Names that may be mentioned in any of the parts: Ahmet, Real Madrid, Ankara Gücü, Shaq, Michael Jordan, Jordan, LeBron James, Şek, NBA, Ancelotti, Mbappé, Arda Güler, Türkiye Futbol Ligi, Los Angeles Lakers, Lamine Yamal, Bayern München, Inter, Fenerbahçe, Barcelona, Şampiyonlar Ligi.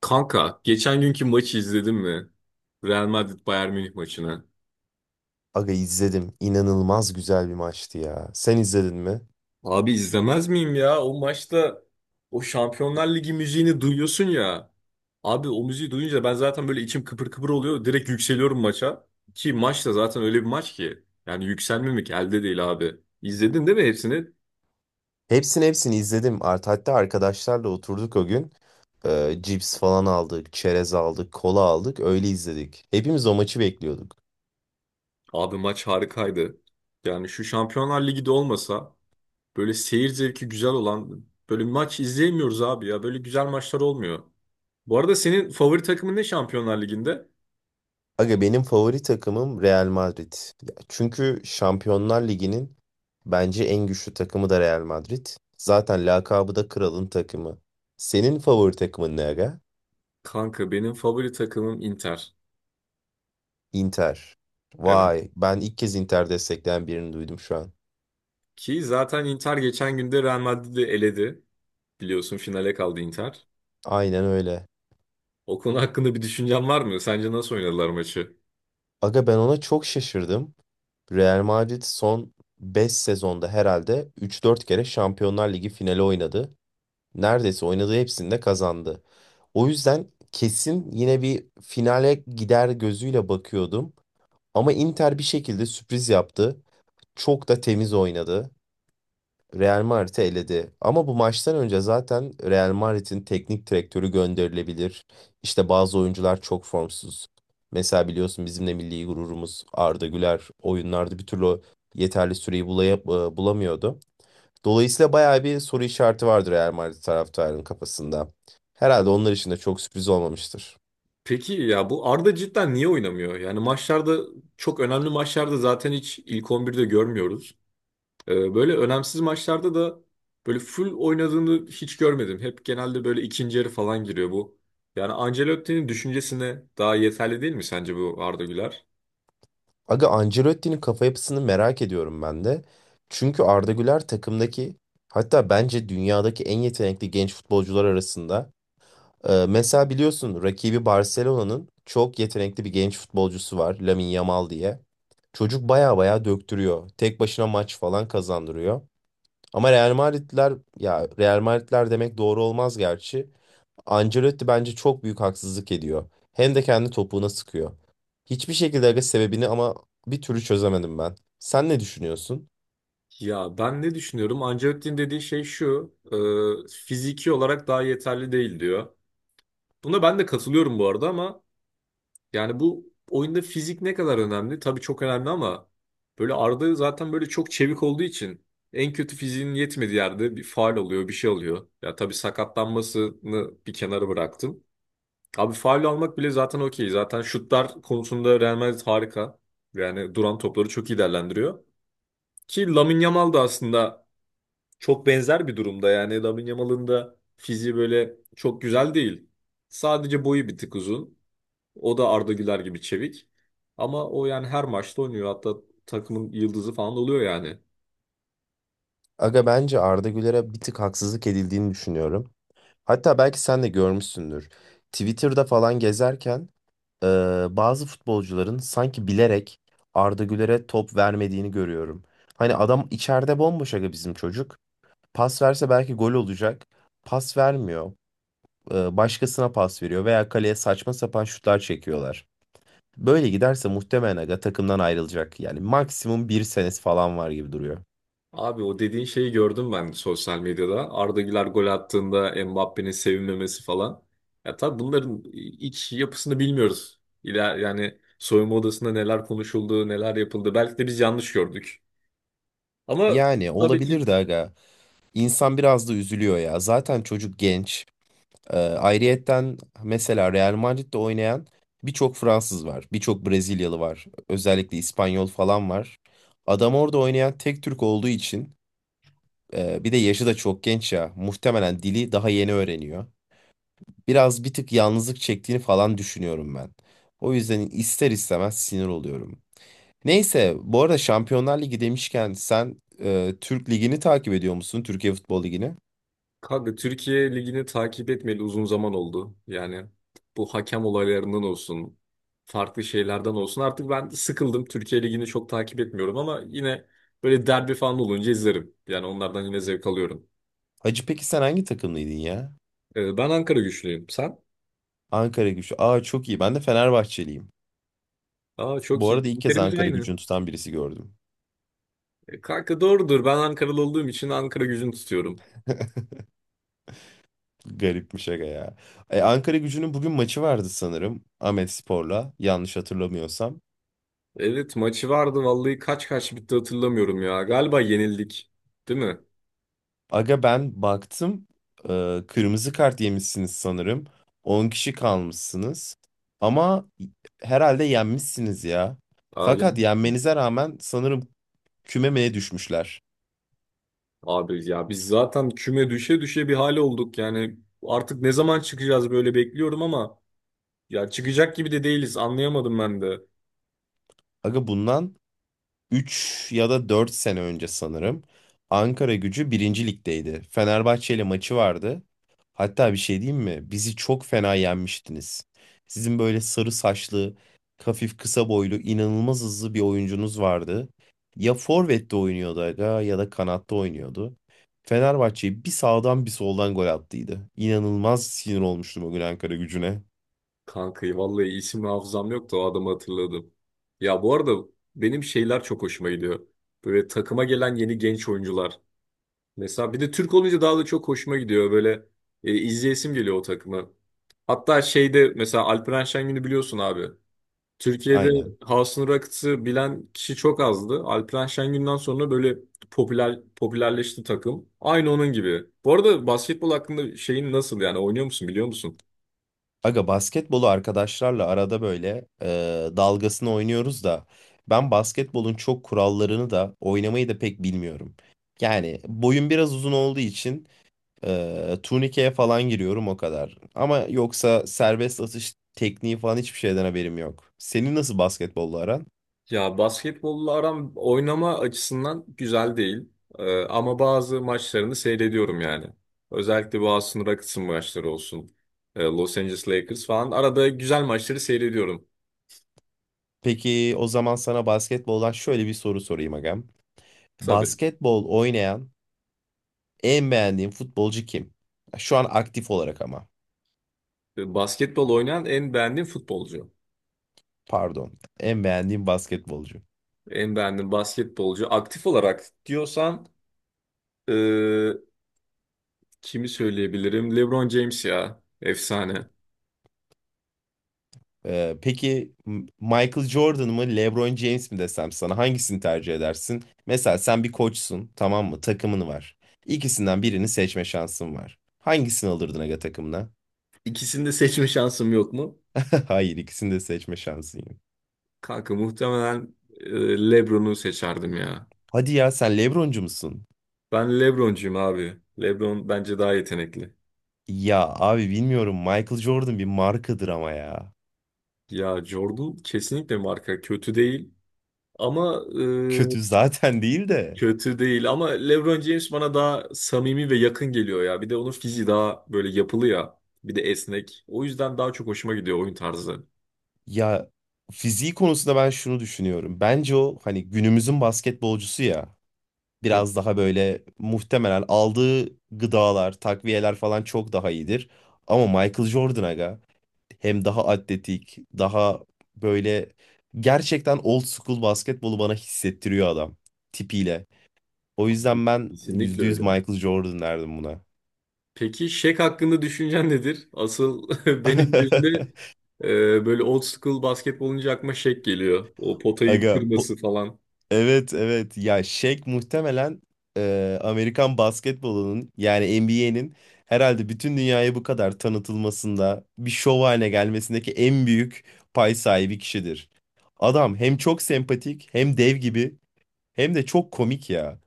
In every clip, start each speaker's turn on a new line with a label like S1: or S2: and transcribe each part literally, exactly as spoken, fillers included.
S1: Kanka geçen günkü maçı izledin mi? Real Madrid Bayern Münih maçını.
S2: Aga izledim. İnanılmaz güzel bir maçtı ya. Sen izledin mi?
S1: Abi izlemez miyim ya? O maçta o Şampiyonlar Ligi müziğini duyuyorsun ya. Abi o müziği duyunca ben zaten böyle içim kıpır kıpır oluyor. Direkt yükseliyorum maça. Ki maç da zaten öyle bir maç ki. Yani yükselmemek elde değil abi. İzledin değil mi hepsini?
S2: Hepsini hepsini izledim. Art hatta arkadaşlarla oturduk o gün. Ee, cips falan aldık, çerez aldık, kola aldık. Öyle izledik. Hepimiz o maçı bekliyorduk.
S1: Abi maç harikaydı. Yani şu Şampiyonlar Ligi de olmasa böyle seyir zevki güzel olan böyle bir maç izleyemiyoruz abi ya. Böyle güzel maçlar olmuyor. Bu arada senin favori takımın ne Şampiyonlar Ligi'nde?
S2: Aga benim favori takımım Real Madrid. Ya, çünkü Şampiyonlar Ligi'nin bence en güçlü takımı da Real Madrid. Zaten lakabı da kralın takımı. Senin favori takımın ne aga?
S1: Kanka benim favori takımım Inter.
S2: Inter.
S1: Evet.
S2: Vay, ben ilk kez Inter destekleyen birini duydum şu an.
S1: Ki zaten Inter geçen günde Real Madrid'i eledi. Biliyorsun finale kaldı Inter.
S2: Aynen öyle.
S1: O konu hakkında bir düşüncen var mı? Sence nasıl oynadılar maçı?
S2: Aga ben ona çok şaşırdım. Real Madrid son beş sezonda herhalde üç dört kere Şampiyonlar Ligi finali oynadı. Neredeyse oynadığı hepsini de kazandı. O yüzden kesin yine bir finale gider gözüyle bakıyordum. Ama Inter bir şekilde sürpriz yaptı. Çok da temiz oynadı. Real Madrid'i eledi. Ama bu maçtan önce zaten Real Madrid'in teknik direktörü gönderilebilir. İşte bazı oyuncular çok formsuz. Mesela biliyorsun bizim de milli gururumuz Arda Güler oyunlarda bir türlü yeterli süreyi bulaya- e, bulamıyordu. Dolayısıyla bayağı bir soru işareti vardır Real Madrid taraftarının kafasında. Herhalde onlar için de çok sürpriz olmamıştır.
S1: Peki ya bu Arda cidden niye oynamıyor? Yani maçlarda çok önemli maçlarda zaten hiç ilk on birde görmüyoruz. Ee, Böyle önemsiz maçlarda da böyle full oynadığını hiç görmedim. Hep genelde böyle ikinci yarı falan giriyor bu. Yani Ancelotti'nin düşüncesine daha yeterli değil mi sence bu Arda Güler?
S2: Aga Ancelotti'nin kafa yapısını merak ediyorum ben de. Çünkü Arda Güler takımdaki, hatta bence dünyadaki en yetenekli genç futbolcular arasında. Ee, mesela biliyorsun rakibi Barcelona'nın çok yetenekli bir genç futbolcusu var, Lamine Yamal diye. Çocuk baya baya döktürüyor. Tek başına maç falan kazandırıyor. Ama Real Madridler, ya Real Madridler demek doğru olmaz gerçi. Ancelotti bence çok büyük haksızlık ediyor. Hem de kendi topuğuna sıkıyor. Hiçbir şekilde aga sebebini ama bir türlü çözemedim ben. Sen ne düşünüyorsun?
S1: Ya ben ne düşünüyorum? Ancelotti'nin dediği şey şu, e, fiziki olarak daha yeterli değil diyor. Buna ben de katılıyorum bu arada ama yani bu oyunda fizik ne kadar önemli? Tabii çok önemli ama böyle Arda zaten böyle çok çevik olduğu için en kötü fiziğinin yetmediği yerde bir faul oluyor, bir şey oluyor. Ya tabii sakatlanmasını bir kenara bıraktım. Abi faul almak bile zaten okey. Zaten şutlar konusunda Real Madrid harika. Yani duran topları çok iyi değerlendiriyor. Ki Lamine Yamal da aslında çok benzer bir durumda. Yani Lamine Yamal'ın da fiziği böyle çok güzel değil. Sadece boyu bir tık uzun. O da Arda Güler gibi çevik. Ama o yani her maçta oynuyor. Hatta takımın yıldızı falan oluyor yani.
S2: Aga bence Arda Güler'e bir tık haksızlık edildiğini düşünüyorum. Hatta belki sen de görmüşsündür. Twitter'da falan gezerken Ee, bazı futbolcuların sanki bilerek Arda Güler'e top vermediğini görüyorum. Hani adam içeride bomboş aga bizim çocuk. Pas verse belki gol olacak. Pas vermiyor. Ee, başkasına pas veriyor veya kaleye saçma sapan şutlar çekiyorlar. Böyle giderse muhtemelen aga takımdan ayrılacak. Yani maksimum bir senesi falan var gibi duruyor.
S1: Abi o dediğin şeyi gördüm ben sosyal medyada. Arda Güler gol attığında Mbappé'nin sevinmemesi falan. Ya tabii bunların iç yapısını bilmiyoruz. İler, yani soyunma odasında neler konuşuldu, neler yapıldı. Belki de biz yanlış gördük. Ama
S2: Yani
S1: tabii ki
S2: olabilir de aga. İnsan biraz da üzülüyor ya. Zaten çocuk genç. Ee, ayrıyetten mesela Real Madrid'de oynayan birçok Fransız var, birçok Brezilyalı var, özellikle İspanyol falan var. Adam orada oynayan tek Türk olduğu için, e, bir de yaşı da çok genç ya, muhtemelen dili daha yeni öğreniyor. Biraz bir tık yalnızlık çektiğini falan düşünüyorum ben. O yüzden ister istemez sinir oluyorum. Neyse, bu arada Şampiyonlar Ligi demişken sen e, Türk Ligi'ni takip ediyor musun? Türkiye Futbol Ligi'ni.
S1: Kanka Türkiye Ligi'ni takip etmeli uzun zaman oldu. Yani bu hakem olaylarından olsun, farklı şeylerden olsun. Artık ben sıkıldım. Türkiye Ligi'ni çok takip etmiyorum ama yine böyle derbi falan olunca izlerim. Yani onlardan yine zevk alıyorum.
S2: Hacı peki sen hangi takımlıydın ya?
S1: Ee, ben Ankara güçlüyüm. Sen?
S2: Ankara gücü. Aa, çok iyi. Ben de Fenerbahçeliyim.
S1: Aa çok
S2: Bu
S1: iyi.
S2: arada ilk kez
S1: Linklerimiz
S2: Ankara
S1: aynı.
S2: gücünü tutan birisi gördüm.
S1: E, kanka doğrudur. Ben Ankaralı olduğum için Ankara gücünü tutuyorum.
S2: Garip bir şaka ya. E, Ankara gücünün bugün maçı vardı sanırım. Spor'la, yanlış hatırlamıyorsam.
S1: Evet maçı vardı. Vallahi kaç kaç bitti hatırlamıyorum ya. Galiba yenildik. Değil mi?
S2: Aga ben baktım. E, kırmızı kart yemişsiniz sanırım. On kişi kalmışsınız. Ama herhalde yenmişsiniz ya.
S1: Aa,
S2: Fakat
S1: yanlış.
S2: yenmenize rağmen sanırım kümemeye düşmüşler.
S1: Abi ya biz zaten küme düşe düşe bir hale olduk yani artık ne zaman çıkacağız böyle bekliyorum ama ya çıkacak gibi de değiliz anlayamadım ben de.
S2: Aga bundan üç ya da dört sene önce sanırım Ankara Gücü birinci Lig'deydi. Fenerbahçe ile maçı vardı. Hatta bir şey diyeyim mi? Bizi çok fena yenmiştiniz. Sizin böyle sarı saçlı, hafif kısa boylu, inanılmaz hızlı bir oyuncunuz vardı. Ya forvette oynuyordu aga ya da kanatta oynuyordu. Fenerbahçe'yi bir sağdan bir soldan gol attıydı. İnanılmaz sinir olmuştum o gün Ankara Gücü'ne.
S1: Kankayı vallahi isim hafızam yoktu o adamı hatırladım. Ya bu arada benim şeyler çok hoşuma gidiyor. Böyle takıma gelen yeni genç oyuncular. Mesela bir de Türk olunca daha da çok hoşuma gidiyor böyle e, izleyesim geliyor o takımı. Hatta şeyde mesela Alperen Şengün'ü biliyorsun abi. Türkiye'de
S2: Aynen.
S1: House'un Rockets'ı bilen kişi çok azdı. Alperen Şengün'den sonra böyle popüler popülerleşti takım. Aynı onun gibi. Bu arada basketbol hakkında şeyin nasıl yani oynuyor musun biliyor musun?
S2: Aga basketbolu arkadaşlarla arada böyle e, dalgasını oynuyoruz da ben basketbolun çok kurallarını da oynamayı da pek bilmiyorum. Yani boyum biraz uzun olduğu için e, turnikeye falan giriyorum o kadar. Ama yoksa serbest atış tekniği falan hiçbir şeyden haberim yok. Senin nasıl basketbolla aran?
S1: Ya basketbolla aram oynama açısından güzel değil. Ee, ama bazı maçlarını seyrediyorum yani. Özellikle bu House'un Rockets'ın maçları olsun. Ee, Los Angeles Lakers falan. Arada güzel maçları seyrediyorum.
S2: Peki o zaman sana basketboldan şöyle bir soru sorayım agam.
S1: Tabii.
S2: Basketbol oynayan en beğendiğin futbolcu kim? Şu an aktif olarak ama.
S1: Ee, Basketbol oynayan en beğendiğim futbolcu.
S2: Pardon. En beğendiğim basketbolcu.
S1: En beğendiğim basketbolcu. Aktif olarak diyorsan e, kimi söyleyebilirim? LeBron James ya. Efsane.
S2: Ee, peki, M- Michael Jordan mı LeBron James mi desem sana, hangisini tercih edersin? Mesela sen bir koçsun, tamam mı? Takımın var. İkisinden birini seçme şansın var. Hangisini alırdın aga takımına?
S1: İkisini de seçme şansım yok mu?
S2: Hayır, ikisini de seçme şansın yok.
S1: Kanka muhtemelen e, LeBron'u seçerdim ya.
S2: Hadi ya, sen LeBroncu musun?
S1: Ben LeBroncuyum abi. LeBron bence daha yetenekli.
S2: Ya abi bilmiyorum, Michael Jordan bir markadır ama ya.
S1: Ya Jordan kesinlikle marka kötü değil ama e,
S2: Kötü zaten değil de.
S1: kötü değil ama LeBron James bana daha samimi ve yakın geliyor ya. Bir de onun fiziği daha böyle yapılı ya. Bir de esnek. O yüzden daha çok hoşuma gidiyor oyun tarzı.
S2: Ya, fiziği konusunda ben şunu düşünüyorum. Bence o hani günümüzün basketbolcusu ya.
S1: Hı,
S2: Biraz daha böyle muhtemelen aldığı gıdalar, takviyeler falan çok daha iyidir. Ama Michael Jordan aga hem daha atletik, daha böyle gerçekten old school basketbolu bana hissettiriyor adam tipiyle. O yüzden ben
S1: kesinlikle
S2: yüzde yüz
S1: öyle.
S2: Michael Jordan derdim buna.
S1: Peki Şek hakkında düşüncen nedir? Asıl benim gözümde e, böyle old school basketbol olunca aklıma Şek geliyor. O potayı
S2: Aga po-
S1: kırması falan.
S2: Evet, evet ya, Shaq muhtemelen e, Amerikan basketbolunun yani N B A'nin herhalde bütün dünyaya bu kadar tanıtılmasında bir şov haline gelmesindeki en büyük pay sahibi kişidir. Adam hem çok sempatik hem dev gibi hem de çok komik ya.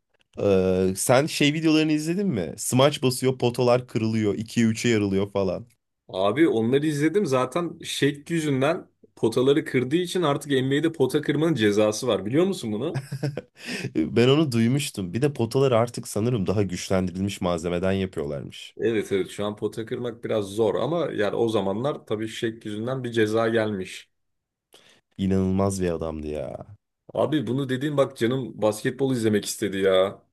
S2: E, sen şey videolarını izledin mi? Smaç basıyor, potalar kırılıyor, ikiye üç'e yarılıyor falan.
S1: Abi onları izledim zaten Şek yüzünden potaları kırdığı için artık N B A'de pota kırmanın cezası var. Biliyor musun bunu?
S2: Ben onu duymuştum. Bir de potaları artık sanırım daha güçlendirilmiş malzemeden yapıyorlarmış.
S1: Evet evet şu an pota kırmak biraz zor ama yani o zamanlar tabii Şek yüzünden bir ceza gelmiş.
S2: İnanılmaz bir adamdı ya.
S1: Abi bunu dediğin bak canım basketbol izlemek istedi ya.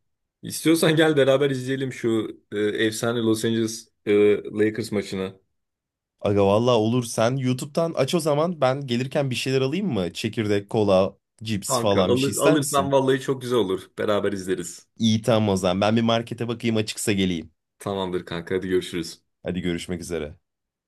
S1: İstiyorsan gel beraber izleyelim şu e, efsane Los Angeles e, Lakers maçını.
S2: Aga valla olur. Sen YouTube'dan aç o zaman. Ben gelirken bir şeyler alayım mı? Çekirdek, kola, cips
S1: Kanka
S2: falan, bir şey
S1: alır,
S2: ister
S1: alırsan
S2: misin?
S1: vallahi çok güzel olur. Beraber izleriz.
S2: İyi, tamam o zaman. Ben bir markete bakayım, açıksa geleyim.
S1: Tamamdır kanka hadi görüşürüz.
S2: Hadi, görüşmek üzere.